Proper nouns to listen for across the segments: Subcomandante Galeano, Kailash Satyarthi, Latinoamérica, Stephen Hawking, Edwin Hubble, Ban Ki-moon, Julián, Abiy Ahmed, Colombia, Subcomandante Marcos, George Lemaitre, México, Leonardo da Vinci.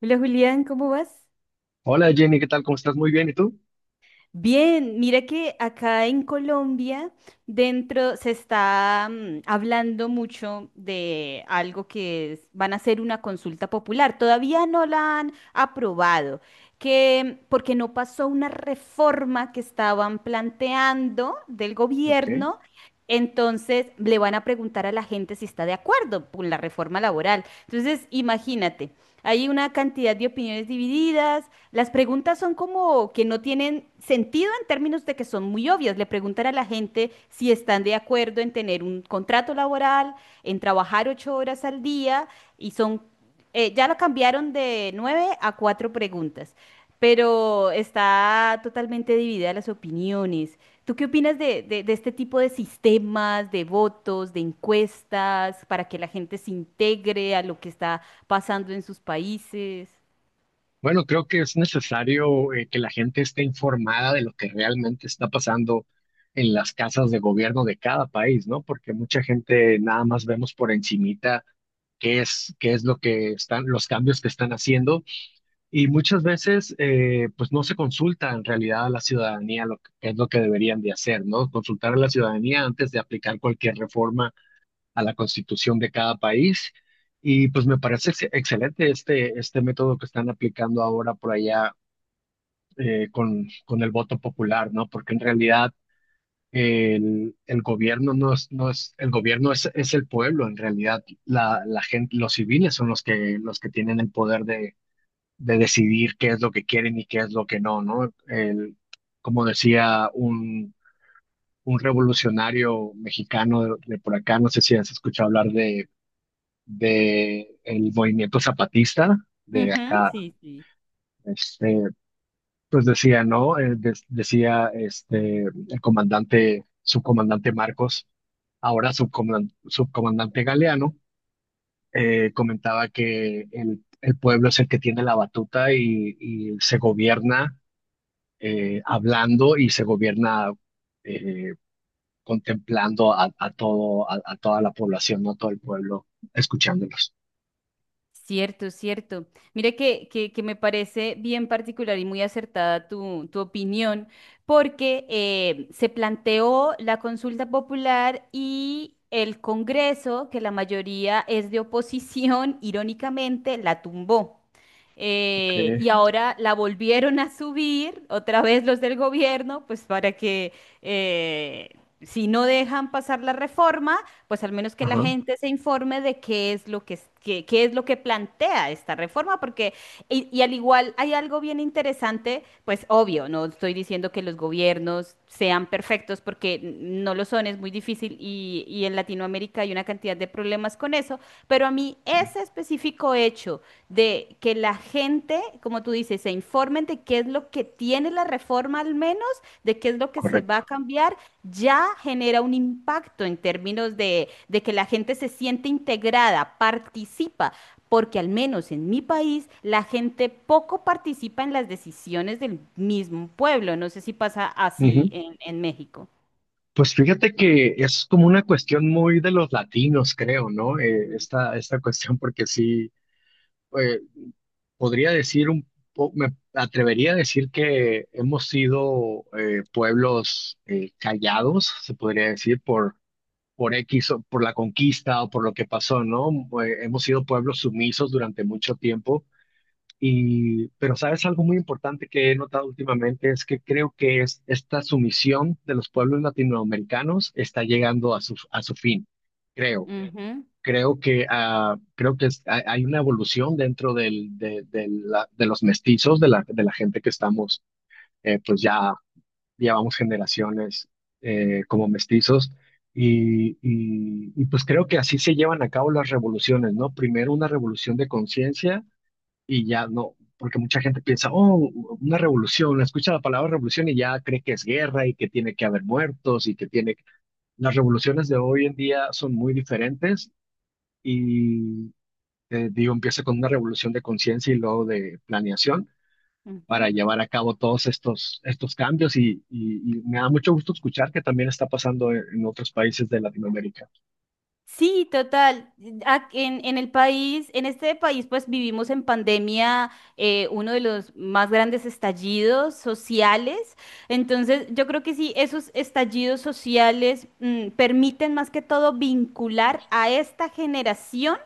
Hola Julián, ¿cómo vas? Hola Jenny, ¿qué tal? ¿Cómo estás? Muy bien, ¿y tú? Bien, mira que acá en Colombia dentro se está hablando mucho de algo van a hacer una consulta popular. Todavía no la han aprobado, que porque no pasó una reforma que estaban planteando del Ok. gobierno, entonces le van a preguntar a la gente si está de acuerdo con la reforma laboral. Entonces, imagínate, hay una cantidad de opiniones divididas. Las preguntas son como que no tienen sentido en términos de que son muy obvias. Le preguntan a la gente si están de acuerdo en tener un contrato laboral, en trabajar ocho horas al día, y son, ya lo cambiaron de nueve a cuatro preguntas, pero está totalmente dividida las opiniones. ¿Tú qué opinas de este tipo de sistemas, de votos, de encuestas, para que la gente se integre a lo que está pasando en sus países? Bueno, creo que es necesario que la gente esté informada de lo que realmente está pasando en las casas de gobierno de cada país, ¿no? Porque mucha gente nada más vemos por encimita qué es lo que están, los cambios que están haciendo y muchas veces pues no se consulta en realidad a la ciudadanía lo que es lo que deberían de hacer, ¿no? Consultar a la ciudadanía antes de aplicar cualquier reforma a la constitución de cada país. Y pues me parece excelente este, este método que están aplicando ahora por allá con el voto popular, ¿no? Porque en realidad el gobierno no es, el gobierno es el pueblo, en realidad la gente, los civiles son los que tienen el poder de decidir qué es lo que quieren y qué es lo que no, ¿no? El, como decía un revolucionario mexicano de por acá, no sé si has escuchado hablar de el movimiento zapatista de Ujú, acá, sí, sí. este, pues decía, ¿no? Decía este, el comandante, subcomandante Marcos, ahora subcomandante Galeano, comentaba que el pueblo es el que tiene la batuta y se gobierna hablando y se gobierna eh, contemplando a todo, a toda la población, no todo el pueblo, escuchándolos. Cierto, cierto. Mire que me parece bien particular y muy acertada tu opinión, porque se planteó la consulta popular y el Congreso, que la mayoría es de oposición, irónicamente, la tumbó. Ok, Y ahora la volvieron a subir, otra vez los del gobierno, pues para que eh, si no dejan pasar la reforma, pues al menos que la ajá, gente se informe de qué es lo qué es lo que plantea esta reforma, porque, y al igual hay algo bien interesante, pues obvio, no estoy diciendo que los gobiernos sean perfectos, porque no lo son, es muy difícil, y en Latinoamérica hay una cantidad de problemas con eso, pero a mí ese específico hecho de que la gente, como tú dices, se informen de qué es lo que tiene la reforma al menos, de qué es lo que se va a correcto. cambiar, ya genera un impacto en términos de que la gente se siente integrada, participa, porque al menos en mi país la gente poco participa en las decisiones del mismo pueblo. No sé si pasa así Ujú. en México. Pues fíjate que es como una cuestión muy de los latinos, creo, ¿no? Mm. Esta, esta cuestión, porque sí, eh, podría decir un me atrevería a decir que hemos sido pueblos callados, se podría decir, por X o por la conquista o por lo que pasó, ¿no? Hemos sido pueblos sumisos durante mucho tiempo. Y, pero sabes, algo muy importante que he notado últimamente es que creo que es esta sumisión de los pueblos latinoamericanos está llegando a su fin, creo. Ujú, Creo que, creo hay una evolución dentro del, de, de los mestizos, de la gente que estamos pues ya llevamos generaciones como mestizos y, pues creo que así se llevan a cabo las revoluciones, ¿no? Primero una revolución de conciencia y ya no, porque mucha gente piensa, oh, una revolución, escucha la palabra revolución y ya cree que es guerra y que tiene que haber muertos y que tiene... Las revoluciones de hoy en día son muy diferentes y, digo, empieza con una revolución de conciencia y luego de planeación ujú. para llevar a cabo todos estos, estos cambios y me da mucho gusto escuchar que también está pasando en otros países de Latinoamérica. Sí, total. En el país, en este país, pues vivimos en pandemia uno de los más grandes estallidos sociales. Entonces, yo creo que sí, esos estallidos sociales permiten más que todo vincular a esta generación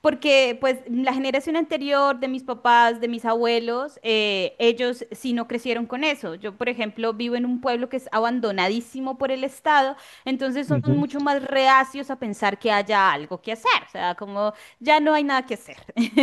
porque pues la generación anterior de mis papás, de mis abuelos, ellos sí no crecieron con eso. Yo, por ejemplo, vivo en un pueblo que es abandonadísimo por el Estado, entonces son Ujú. mucho más reacios a pensar que haya algo que hacer. O sea, como ya no hay nada que hacer.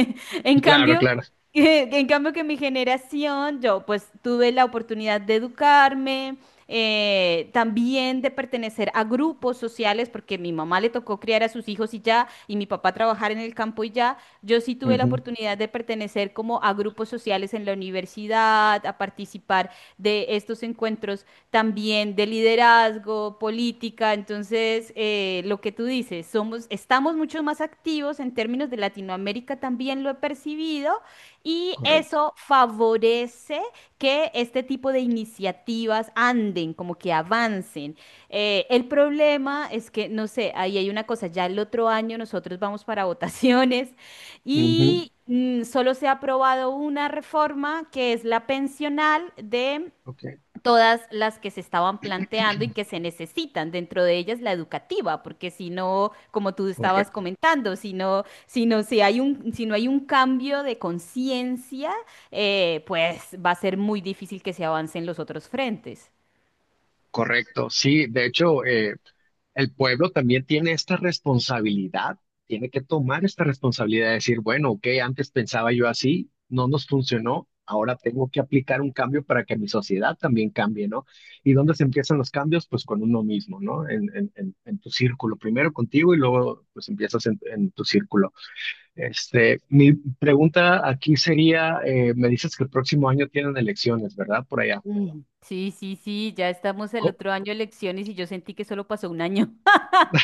En Claro, cambio... claro. En cambio que mi generación, yo pues tuve la oportunidad de educarme, también de pertenecer a grupos sociales, porque mi mamá le tocó criar a sus hijos y ya, y mi papá trabajar en el campo y ya, yo sí tuve la Ujú. oportunidad de pertenecer como a grupos sociales en la universidad, a participar de estos encuentros también de liderazgo, política, entonces lo que tú dices, somos, estamos mucho más activos en términos de Latinoamérica, también lo he percibido, y Correcto. eso favorece que este tipo de iniciativas anden, como que avancen. El problema es que, no sé, ahí hay una cosa, ya el otro año nosotros vamos para votaciones Ujú. y solo se ha aprobado una reforma que es la pensional de Ok. todas las que se estaban planteando y que se necesitan, dentro de ellas la educativa, porque si no, como tú estabas Correcto. comentando, si hay si no hay un cambio de conciencia, pues va a ser muy difícil que se avancen los otros frentes. Correcto. Sí, de hecho, el pueblo también tiene esta responsabilidad, tiene que tomar esta responsabilidad de decir, bueno, ok, antes pensaba yo así, no nos funcionó, ahora tengo que aplicar un cambio para que mi sociedad también cambie, ¿no? ¿Y dónde se empiezan los cambios? Pues con uno mismo, ¿no? En tu círculo, primero contigo y luego pues empiezas en tu círculo. Este, mi pregunta aquí sería, me dices que el próximo año tienen elecciones, ¿verdad? Por allá. Mm. Sí, sí, sí, ya estamos el Co- otro año de elecciones y yo sentí que solo pasó un año.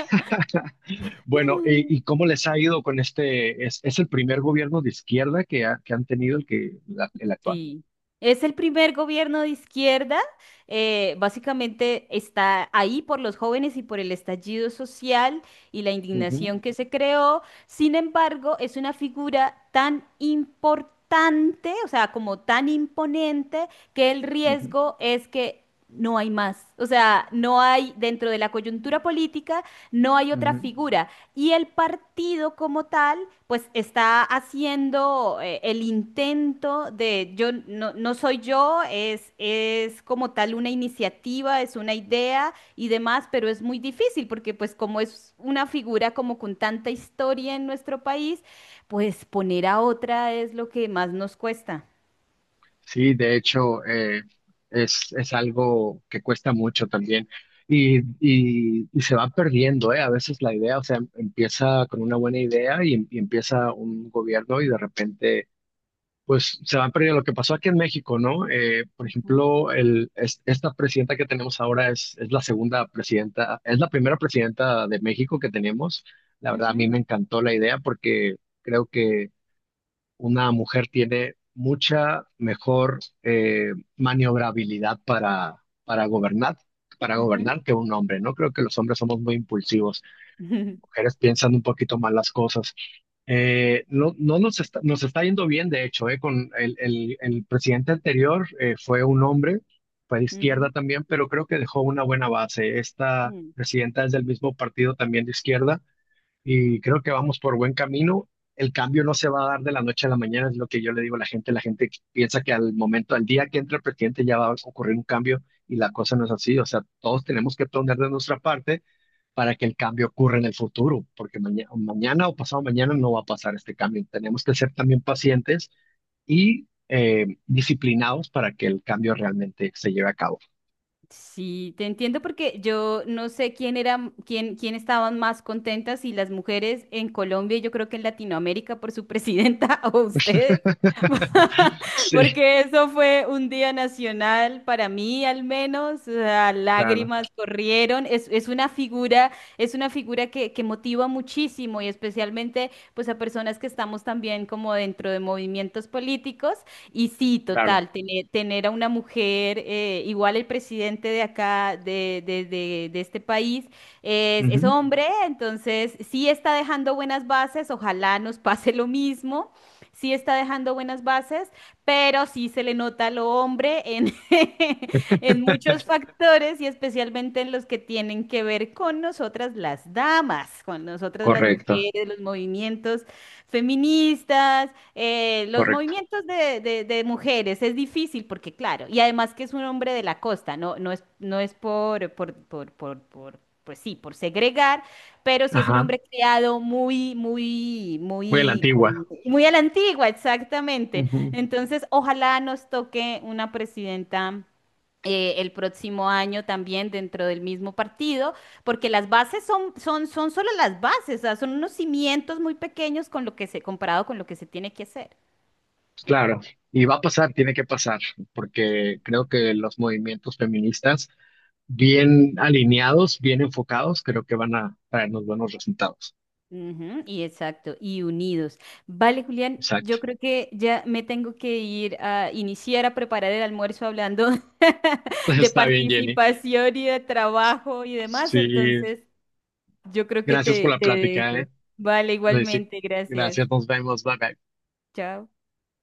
Bueno, ¿y cómo les ha ido con este? Es el primer gobierno de izquierda que han tenido el actual? Sí, es el primer gobierno de izquierda. Básicamente está ahí por los jóvenes y por el estallido social y la Ujú, indignación que se creó. Sin embargo, es una figura tan importante, o sea, como tan imponente, que el ujú, riesgo es que no hay más. O sea, no hay dentro de la coyuntura política, no hay otra ujú. figura. Y el partido como tal, pues está haciendo el intento de, yo no soy yo, es como tal una iniciativa, es una idea y demás, pero es muy difícil porque pues como es una figura como con tanta historia en nuestro país, pues poner a otra es lo que más nos cuesta. Sí, de hecho, es algo que cuesta mucho también y se va perdiendo, ¿eh? A veces la idea, o sea, empieza con una buena idea y empieza un gobierno y de repente... pues se van perdiendo. Lo que pasó aquí en México, ¿no? Por Ujú. ejemplo, esta presidenta que tenemos ahora es la segunda presidenta, es la primera presidenta de México que tenemos. La verdad, a mí Ujú, me encantó la idea porque creo que una mujer tiene mucha mejor maniobrabilidad para gobernar. Para ujú, gobernar que un hombre, ¿no? Creo que los hombres somos muy impulsivos. Mujeres piensan un poquito más las cosas. No, nos está yendo bien, de hecho, con el presidente anterior fue un hombre, fue de izquierda ujú, también, pero creo que dejó una buena base. Esta ujú. presidenta es del mismo partido también de izquierda y creo que vamos por buen camino. El cambio no se va a dar de la noche a la mañana, es lo que yo le digo a la gente. La gente piensa que al momento, al día que entre el presidente ya va a ocurrir un cambio y la cosa no es así. O sea, todos tenemos que poner de nuestra parte para que el cambio ocurra en el futuro, porque mañana o pasado mañana no va a pasar este cambio. Tenemos que ser también pacientes y disciplinados para que el cambio realmente se lleve a cabo. Sí, te entiendo porque yo no sé quién era, quién estaban más contentas, si las mujeres en Colombia, y yo creo que en Latinoamérica por su presidenta o ustedes, Sí, porque eso fue un día nacional para mí al menos, o sea, claro, lágrimas corrieron, es una figura que motiva muchísimo y especialmente pues a personas que estamos también como dentro de movimientos políticos. Y sí, claro. total, tener a una mujer, igual el presidente de acá, de este país, es Ujú. hombre, entonces sí está dejando buenas bases, ojalá nos pase lo mismo, sí está dejando buenas bases, pero sí se le nota lo hombre en, en muchos factores y especialmente en los que tienen que ver con nosotras las damas, con nosotras las Correcto, mujeres, los movimientos feministas. Los correcto. movimientos de mujeres es difícil porque, claro, y además que es un hombre de la costa, no es, no es por, pues sí, por segregar, pero sí es un Ajá. hombre criado Voy a la antigua. Muy a la antigua, exactamente. Ujú. Entonces, ojalá nos toque una presidenta el próximo año también dentro del mismo partido, porque las bases son solo las bases, o sea, son unos cimientos muy pequeños con lo que se, comparado con lo que se tiene que hacer. Claro. Y va a pasar, tiene que pasar, porque creo que los movimientos feministas, bien alineados, bien enfocados, creo que van a traernos buenos resultados. Ujú, y exacto, y unidos. Vale, Julián, Exacto. yo creo que ya me tengo que ir a iniciar a preparar el almuerzo hablando de Está bien, Jenny. participación y de trabajo y demás, Sí, entonces yo creo que gracias por la te plática, ¿eh? dejo. Vale, Sí, igualmente, gracias. gracias, nos vemos, bye bye. Chao.